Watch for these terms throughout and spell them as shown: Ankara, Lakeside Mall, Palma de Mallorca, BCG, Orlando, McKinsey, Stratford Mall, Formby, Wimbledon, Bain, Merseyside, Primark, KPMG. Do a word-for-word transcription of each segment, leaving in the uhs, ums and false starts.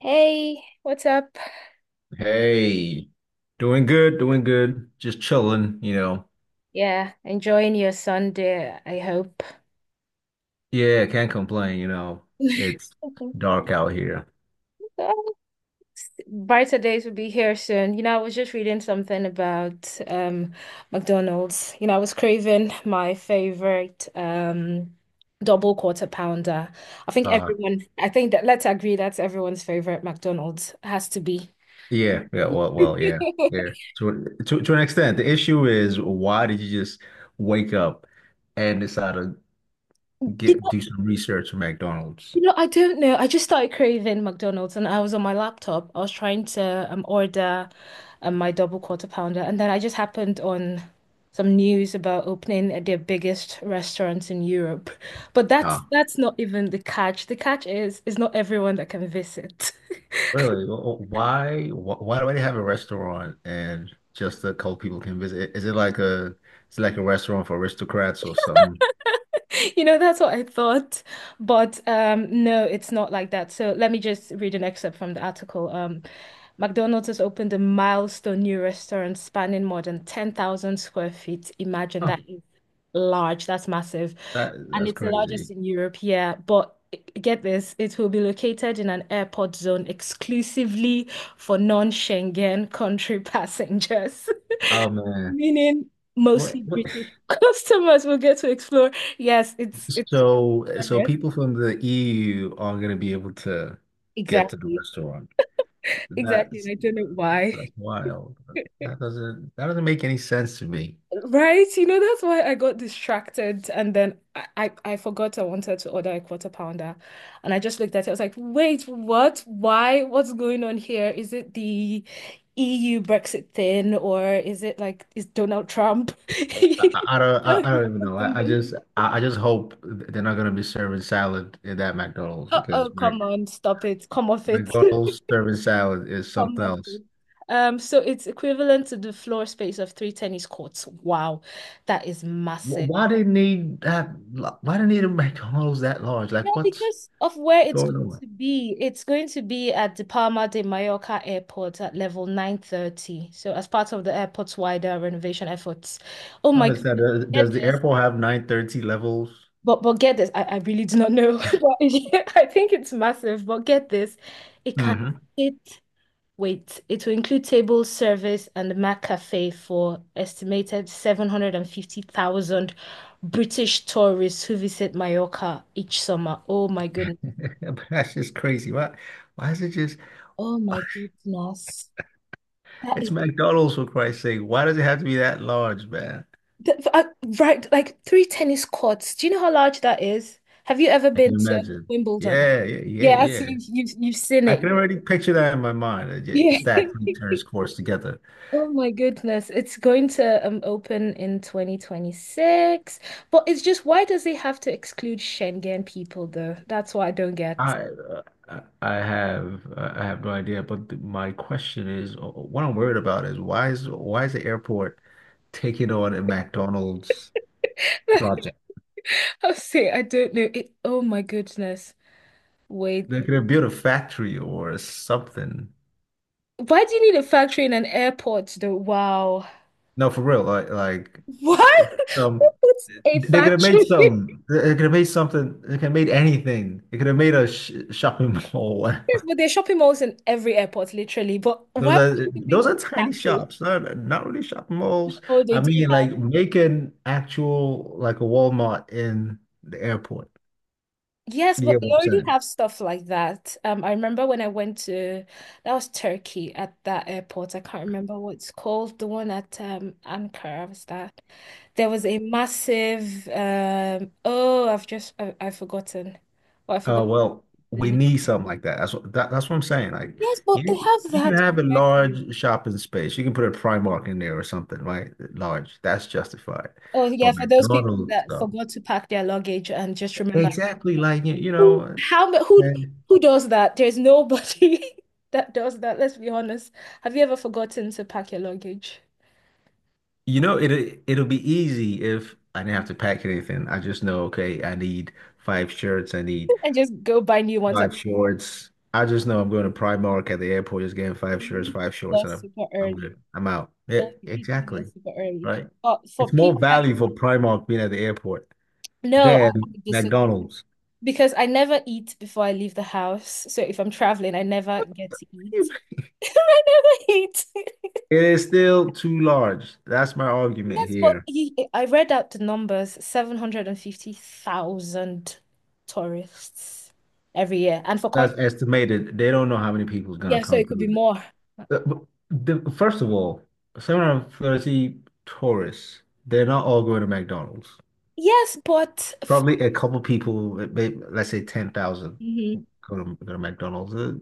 Hey, what's up? Hey, doing good, doing good. Just chilling, you know. Yeah, enjoying your Sunday, I hope. Yeah, can't complain, you know. It's dark out here. Oh, brighter days will be here soon. You know, I was just reading something about um McDonald's. You know, I was craving my favorite um double quarter pounder. I think Uh, everyone, I think that let's agree that's everyone's favorite McDonald's has to be. yeah, yeah, well, well, yeah, yeah. To, to to an extent, the issue is why did you just wake up and decide to get do some research for McDonald's? You know, I don't know. I just started craving McDonald's and I was on my laptop. I was trying to um, order um, my double quarter pounder. And then I just happened on some news about opening at their biggest restaurant in Europe. But Uh, that's that's not even the catch. The catch is is not everyone that can visit. really? wh- wh- Why, wh- why do they have a restaurant and just a couple people can visit? Is it like a, is it like a restaurant for aristocrats or something? You know, that's what I thought. But um, no, it's not like that. So let me just read an excerpt from the article. Um, McDonald's has opened a milestone new restaurant spanning more than ten thousand square feet. Imagine Huh. that is large, that's massive. That And that's it's the largest crazy. in Europe, yeah. But get this, it will be located in an airport zone exclusively for non-Schengen country passengers, Oh man. meaning What, mostly what? British customers will get to explore. Yes, it's it's So so yes, people from the E U are going to be able to get to the exactly. restaurant. Exactly. And That's I don't know why. that's wild. That doesn't that doesn't make any sense to me. Right? You know, that's why I got distracted. And then I, I, I forgot I wanted to order a quarter pounder. And I just looked at it. I was like, wait, what? Why? What's going on here? Is it the E U Brexit thing? Or is it like, is Donald Trump? I, I I don't I, I don't even know. I, I just I, I just hope they're not going to be serving salad in that McDonald's because Uh-oh, Mc- come on, stop it. Come off it. McDonald's serving salad is Come something up else. with. Um, so it's equivalent to the floor space of three tennis courts. Wow, that is Wh- massive. Why do they need that? Why do they need a McDonald's that large? Like Yeah, what's because of where it's going going on? to be, it's going to be at the Palma de Mallorca Airport at level nine thirty. So as part of the airport's wider renovation efforts. Oh I my understand. goodness, Uh, get Does the this. airport have nine thirty levels? But but get this, I, I really do not know. But yeah, I think it's massive, but get this. It can hmm sit wait, it will include table service and the McCafe for estimated seven hundred fifty thousand British tourists who visit Mallorca each summer. Oh my goodness. That's just crazy. Why, why is it just, Oh my goodness. That it's is McDonald's for Christ's sake. Why does it have to be that large, man? that, uh, right, like three tennis courts. Do you know how large that is? Have you ever I can been to imagine. Wimbledon? Yeah, yeah, yeah, Yeah, so yeah. you've you've, you've seen I it. can already picture that in my mind. uh, ju- Yeah. Stacked three tennis courts together. Oh my goodness, it's going to um open in twenty twenty-six. But it's just why does it have to exclude Schengen people though? That's what I don't get. I uh, I I have uh, I have no idea, but th- my question is, uh, what I'm worried about is why is why is the airport taking on a McDonald's project? I'll say I don't know it. Oh my goodness. Wait. They could have built a factory or something. Why do you need a factory in an airport though? Wow. No, for real. Like like What? Who some puts a they could have made factory? some, they could have made something, they could have made anything. They could have made a sh shopping mall. Yes, but there are shopping malls in every airport, literally. But why Those would are you even think those of are a tiny factory? shops, not not really shopping malls. Oh, they I do mean like make an actual like a Walmart in the airport. yes, You but get they what I'm already saying? have stuff like that. Um, I remember when I went to that was Turkey at that airport. I can't remember what it's called, the one at um Ankara was that. There was a massive um oh, I've just I, I've forgotten. Well, I Uh, forgot well, the we name. need something like that. That's what that, that's what I'm saying. Like Yes, but they you have you can that have a already. large shopping space. You can put a Primark in there or something, right? Large. That's justified. Oh yeah, But for those people McDonald's that though. forgot to pack their luggage and just remember. Exactly. Like you, you Who- know, How ma- who and who does that? There's nobody that does that. Let's be honest. Have you ever forgotten to pack your luggage you know it it'll be easy if I didn't have to pack anything. I just know, okay, I need five shirts, I need and just go buy new ones at five Primark? shorts. I just know I'm going to Primark at the airport, just getting five Then you shirts, need to be five shorts, there and I'm super I'm early. good. I'm out. Yeah, Oh, you need to be there exactly. super early. Right. But for It's more people like value for me, Primark being at the airport no, I, than I disagree McDonald's. because I never eat before I leave the house. So if I'm traveling, I never get to It eat. I never eat. is still too large. That's my argument Yes, but here. he, I read out the numbers, seven hundred fifty thousand tourists every year. And for That's context, estimated. They don't know how many people is going to yeah, so come it could be through. more. The, the, first of all, seven hundred thirty tourists, they're not all going to McDonald's. Yes, but f Probably a couple people, maybe, let's say ten thousand. mhm. Go to, go to McDonald's. Uh,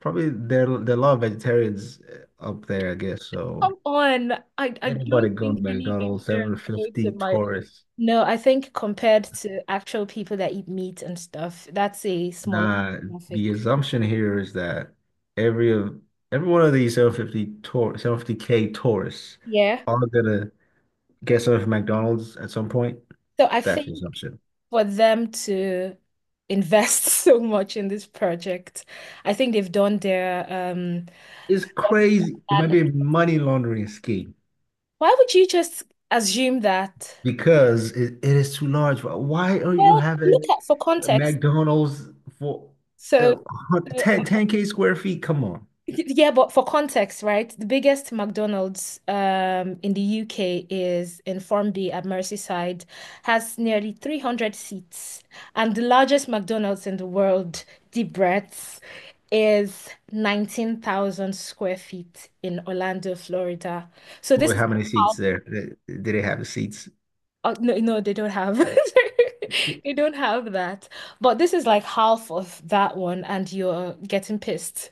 probably there there are a lot of vegetarians uh, up there, I guess. So Come on. I, I anybody don't going to think any McDonald's, vegetarians are going to seven hundred fifty my. tourists. No, I think compared to actual people that eat meat and stuff, that's a smaller Nah, demographic. the assumption here is that every of every one of these seven hundred fifty tour seven hundred fifty K tourists Yeah. are gonna get some of McDonald's at some point. So I That's the think assumption. for them to invest so much in this project, I think they've done their um It's crazy. It might be a analysis. money laundering scheme Why would you just assume that? because it, it is too large. Why are you Well, look having at for context. McDonald's for uh, So, 10, so- ten k square feet. Come on. yeah, but for context, right? The biggest McDonald's um in the U K is in Formby at Merseyside, has nearly three hundred seats, and the largest McDonald's in the world, deep breaths, is nineteen thousand square feet in Orlando, Florida. So this Well, is how many seats half there? Did they have the seats oh, no, no, they don't have. They don't have that. But this is like half of that one, and you're getting pissed.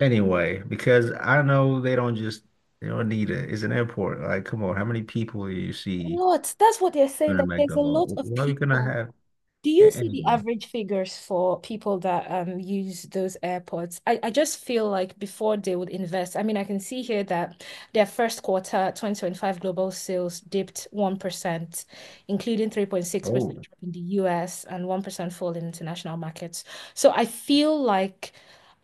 anyway? Because I know they don't just, they don't need it. It's an airport. Like, come on. How many people do you A see lot. That's what they're saying. during That a there's a McDonald's? lot of What are you going to people. have Do you a- see the anyway? average figures for people that um use those airports? I, I just feel like before they would invest, I mean, I can see here that their first quarter twenty twenty-five global sales dipped one percent, including three point six percent Oh, drop in the U S and one percent fall in international markets. So I feel like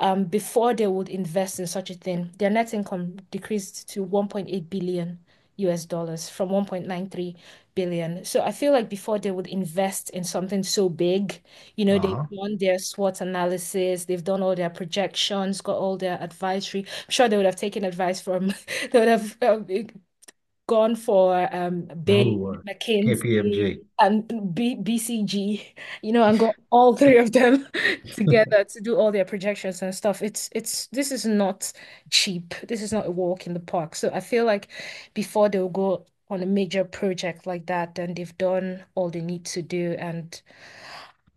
um before they would invest in such a thing, their net income decreased to one point eight billion U S dollars from one point nine three billion. So I feel like before they would invest in something so big, you know, they've uh-huh. done their SWOT analysis, they've done all their projections, got all their advisory. I'm sure they would have taken advice from, they would have um, gone for um Bain, Oh, McKinsey, K P M G. and B BCG, you know, and got all three of them Ye- together to do all their projections and stuff. It's it's this is not cheap. This is not a walk in the park. So I feel like before they'll go on a major project like that, then they've done all they need to do. And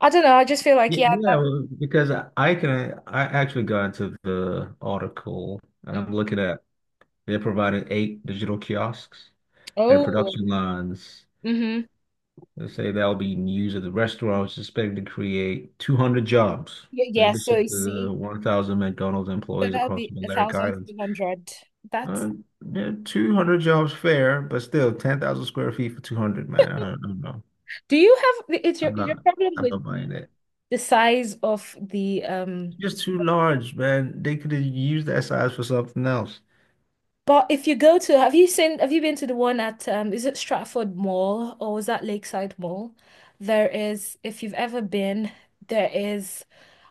I don't know, I just feel like Yeah, yeah, yeah, that, well, because I I can I actually got into the article and I'm looking at they're providing eight digital kiosks and oh, production lines. mm-hmm. They say that'll be used at the restaurant, which is expected to create two hundred jobs, Yeah, in yeah, so addition you to the see. one thousand McDonald's So employees that'll across the be a Balearic thousand Islands. two hundred. That's Uh, yeah, two hundred jobs fair, but still ten thousand square feet for two hundred, man. I don't, I don't know. do you have it's your I'm is your not, problem I'm with not buying the that. the size of the um It's just too large, man. They could have used that size for something else. but if you go to have you seen have you been to the one at um is it Stratford Mall or is that Lakeside Mall? There is if you've ever been there is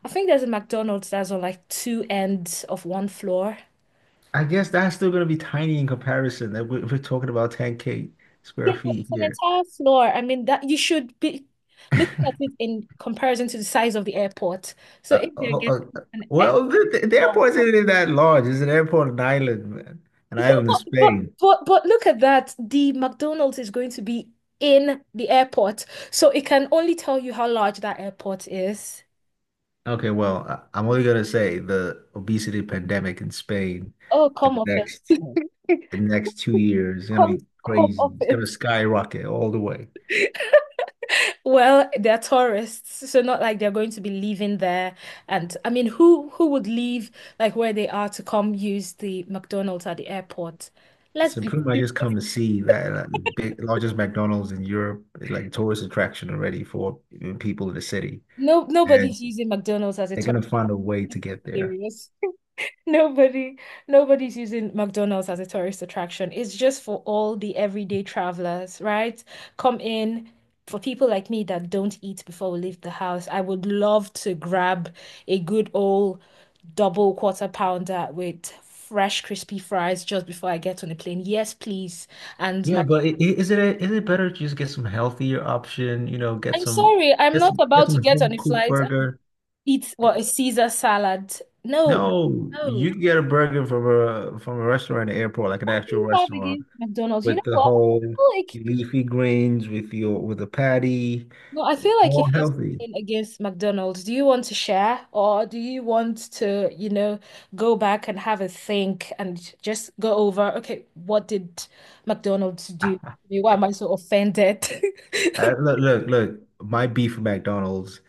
I think there's a McDonald's that's on like two ends of one floor. I guess that's still going to be tiny in comparison. That we're, we're talking about ten K Yeah, square but feet it's an here. entire floor. I mean that you should be looking at it in comparison to the size of the airport. So Uh, if they're uh, uh, getting an well, the, the airport airport isn't that large. It's an airport in Ireland, man. An yeah, island in but but Spain. but but look at that. The McDonald's is going to be in the airport, so it can only tell you how large that airport is. Okay, well, I, I'm only gonna say the obesity pandemic in Spain Oh, in come the off next it. the next two years is gonna Come be come crazy. off It's gonna it. skyrocket all the way. Well, they're tourists, so not like they're going to be leaving there. And I mean, who who would leave like where they are to come use the McDonald's at the airport? Let's So be pretty much serious. just come to see that uh, big largest McDonald's in Europe, eh, like tourist attraction already for people in the city, No, and nobody's using McDonald's as a they're gonna tourist. find a way to Let's be get there. serious. Nobody, nobody's using McDonald's as a tourist attraction. It's just for all the everyday travelers, right? Come in for people like me that don't eat before we leave the house. I would love to grab a good old double quarter pounder with fresh, crispy fries just before I get on the plane. Yes, please. And my, Yeah, but i- i- is it is it better to just get some healthier option? You know, get I'm some sorry, I'm get not some get about to some get on home a cooked flight and burger. eat what a Caesar salad. No, No, no. you can get a burger from a from a restaurant at the airport, like an What do actual you have restaurant, against McDonald's? You know with the what? whole I like leafy greens, with your with a patty, no, I feel like you all have healthy. something against McDonald's. Do you want to share, or do you want to, you know, go back and have a think and just go over, okay, what did McDonald's do? To me? Why am I so offended? Uh, look, look, look. My beef with McDonald's.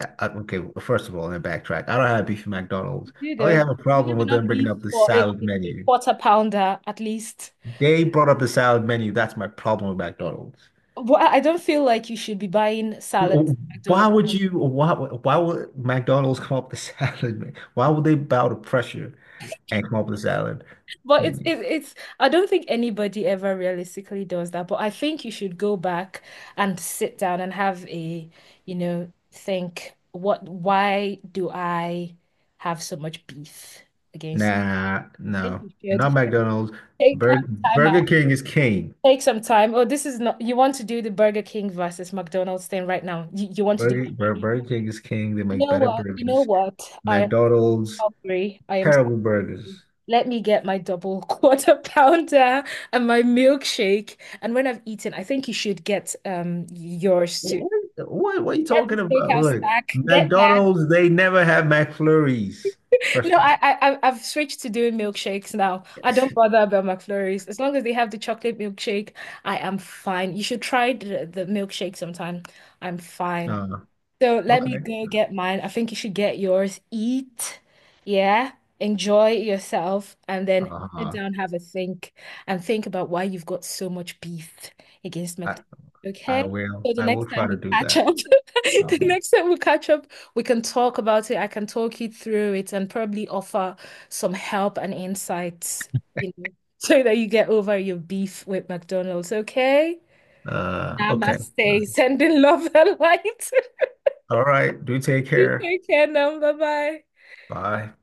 uh, uh, okay, well, first of all, let me backtrack. I don't have beef with McDonald's. You I only know, have a you problem have with enough them bringing beef up the for a, salad a, a menu. quarter pounder at least. They brought up a salad menu. That's my problem with McDonald's. Well, I I don't feel like you should be buying salad at Why McDonald's. would you, why, why would McDonald's come up with a salad menu? Why would they bow to pressure and come up with a salad But it's menu? it's it's I don't think anybody ever realistically does that. But I think you should go back and sit down and have a, you know, think what why do I have so much beef against? Nah, I think no, you not should McDonald's. take some Burger, time Burger out. King is king. Take some time. Oh, this is not you want to do the Burger King versus McDonald's thing right now. You, you want to do Burger, that right Bur- now. Burger King is king. They You make know better what? You know burgers. what? I am McDonald's, hungry. I am terrible burgers. let me get my double quarter pounder and my milkshake. And when I've eaten, I think you should get um yours too. What, what, what what are you Get the talking about? steakhouse Look, stack. Get that. McDonald's, they never have McFlurries. First No, of all, I, I I- I've switched to doing milkshakes now. I don't bother about McFlurries. As long as they have the chocolate milkshake, I am fine. You should try the, the milkshake sometime. I'm fine. no, So let me okay. go get mine. I think you should get yours. Eat, yeah, enjoy yourself, and then sit Uh-huh. down, have a think, and think about why you've got so much beef against I McDonald's. I Okay? will. So the I will next try time to we do catch that. up, the Uh-huh. next time we catch up, we can talk about it. I can talk you through it and probably offer some help and insights, you know, so that you get over your beef with McDonald's. Okay? Uh, okay. Namaste. Sending love and light. All right. Do take You care. take care now. Bye bye. Bye.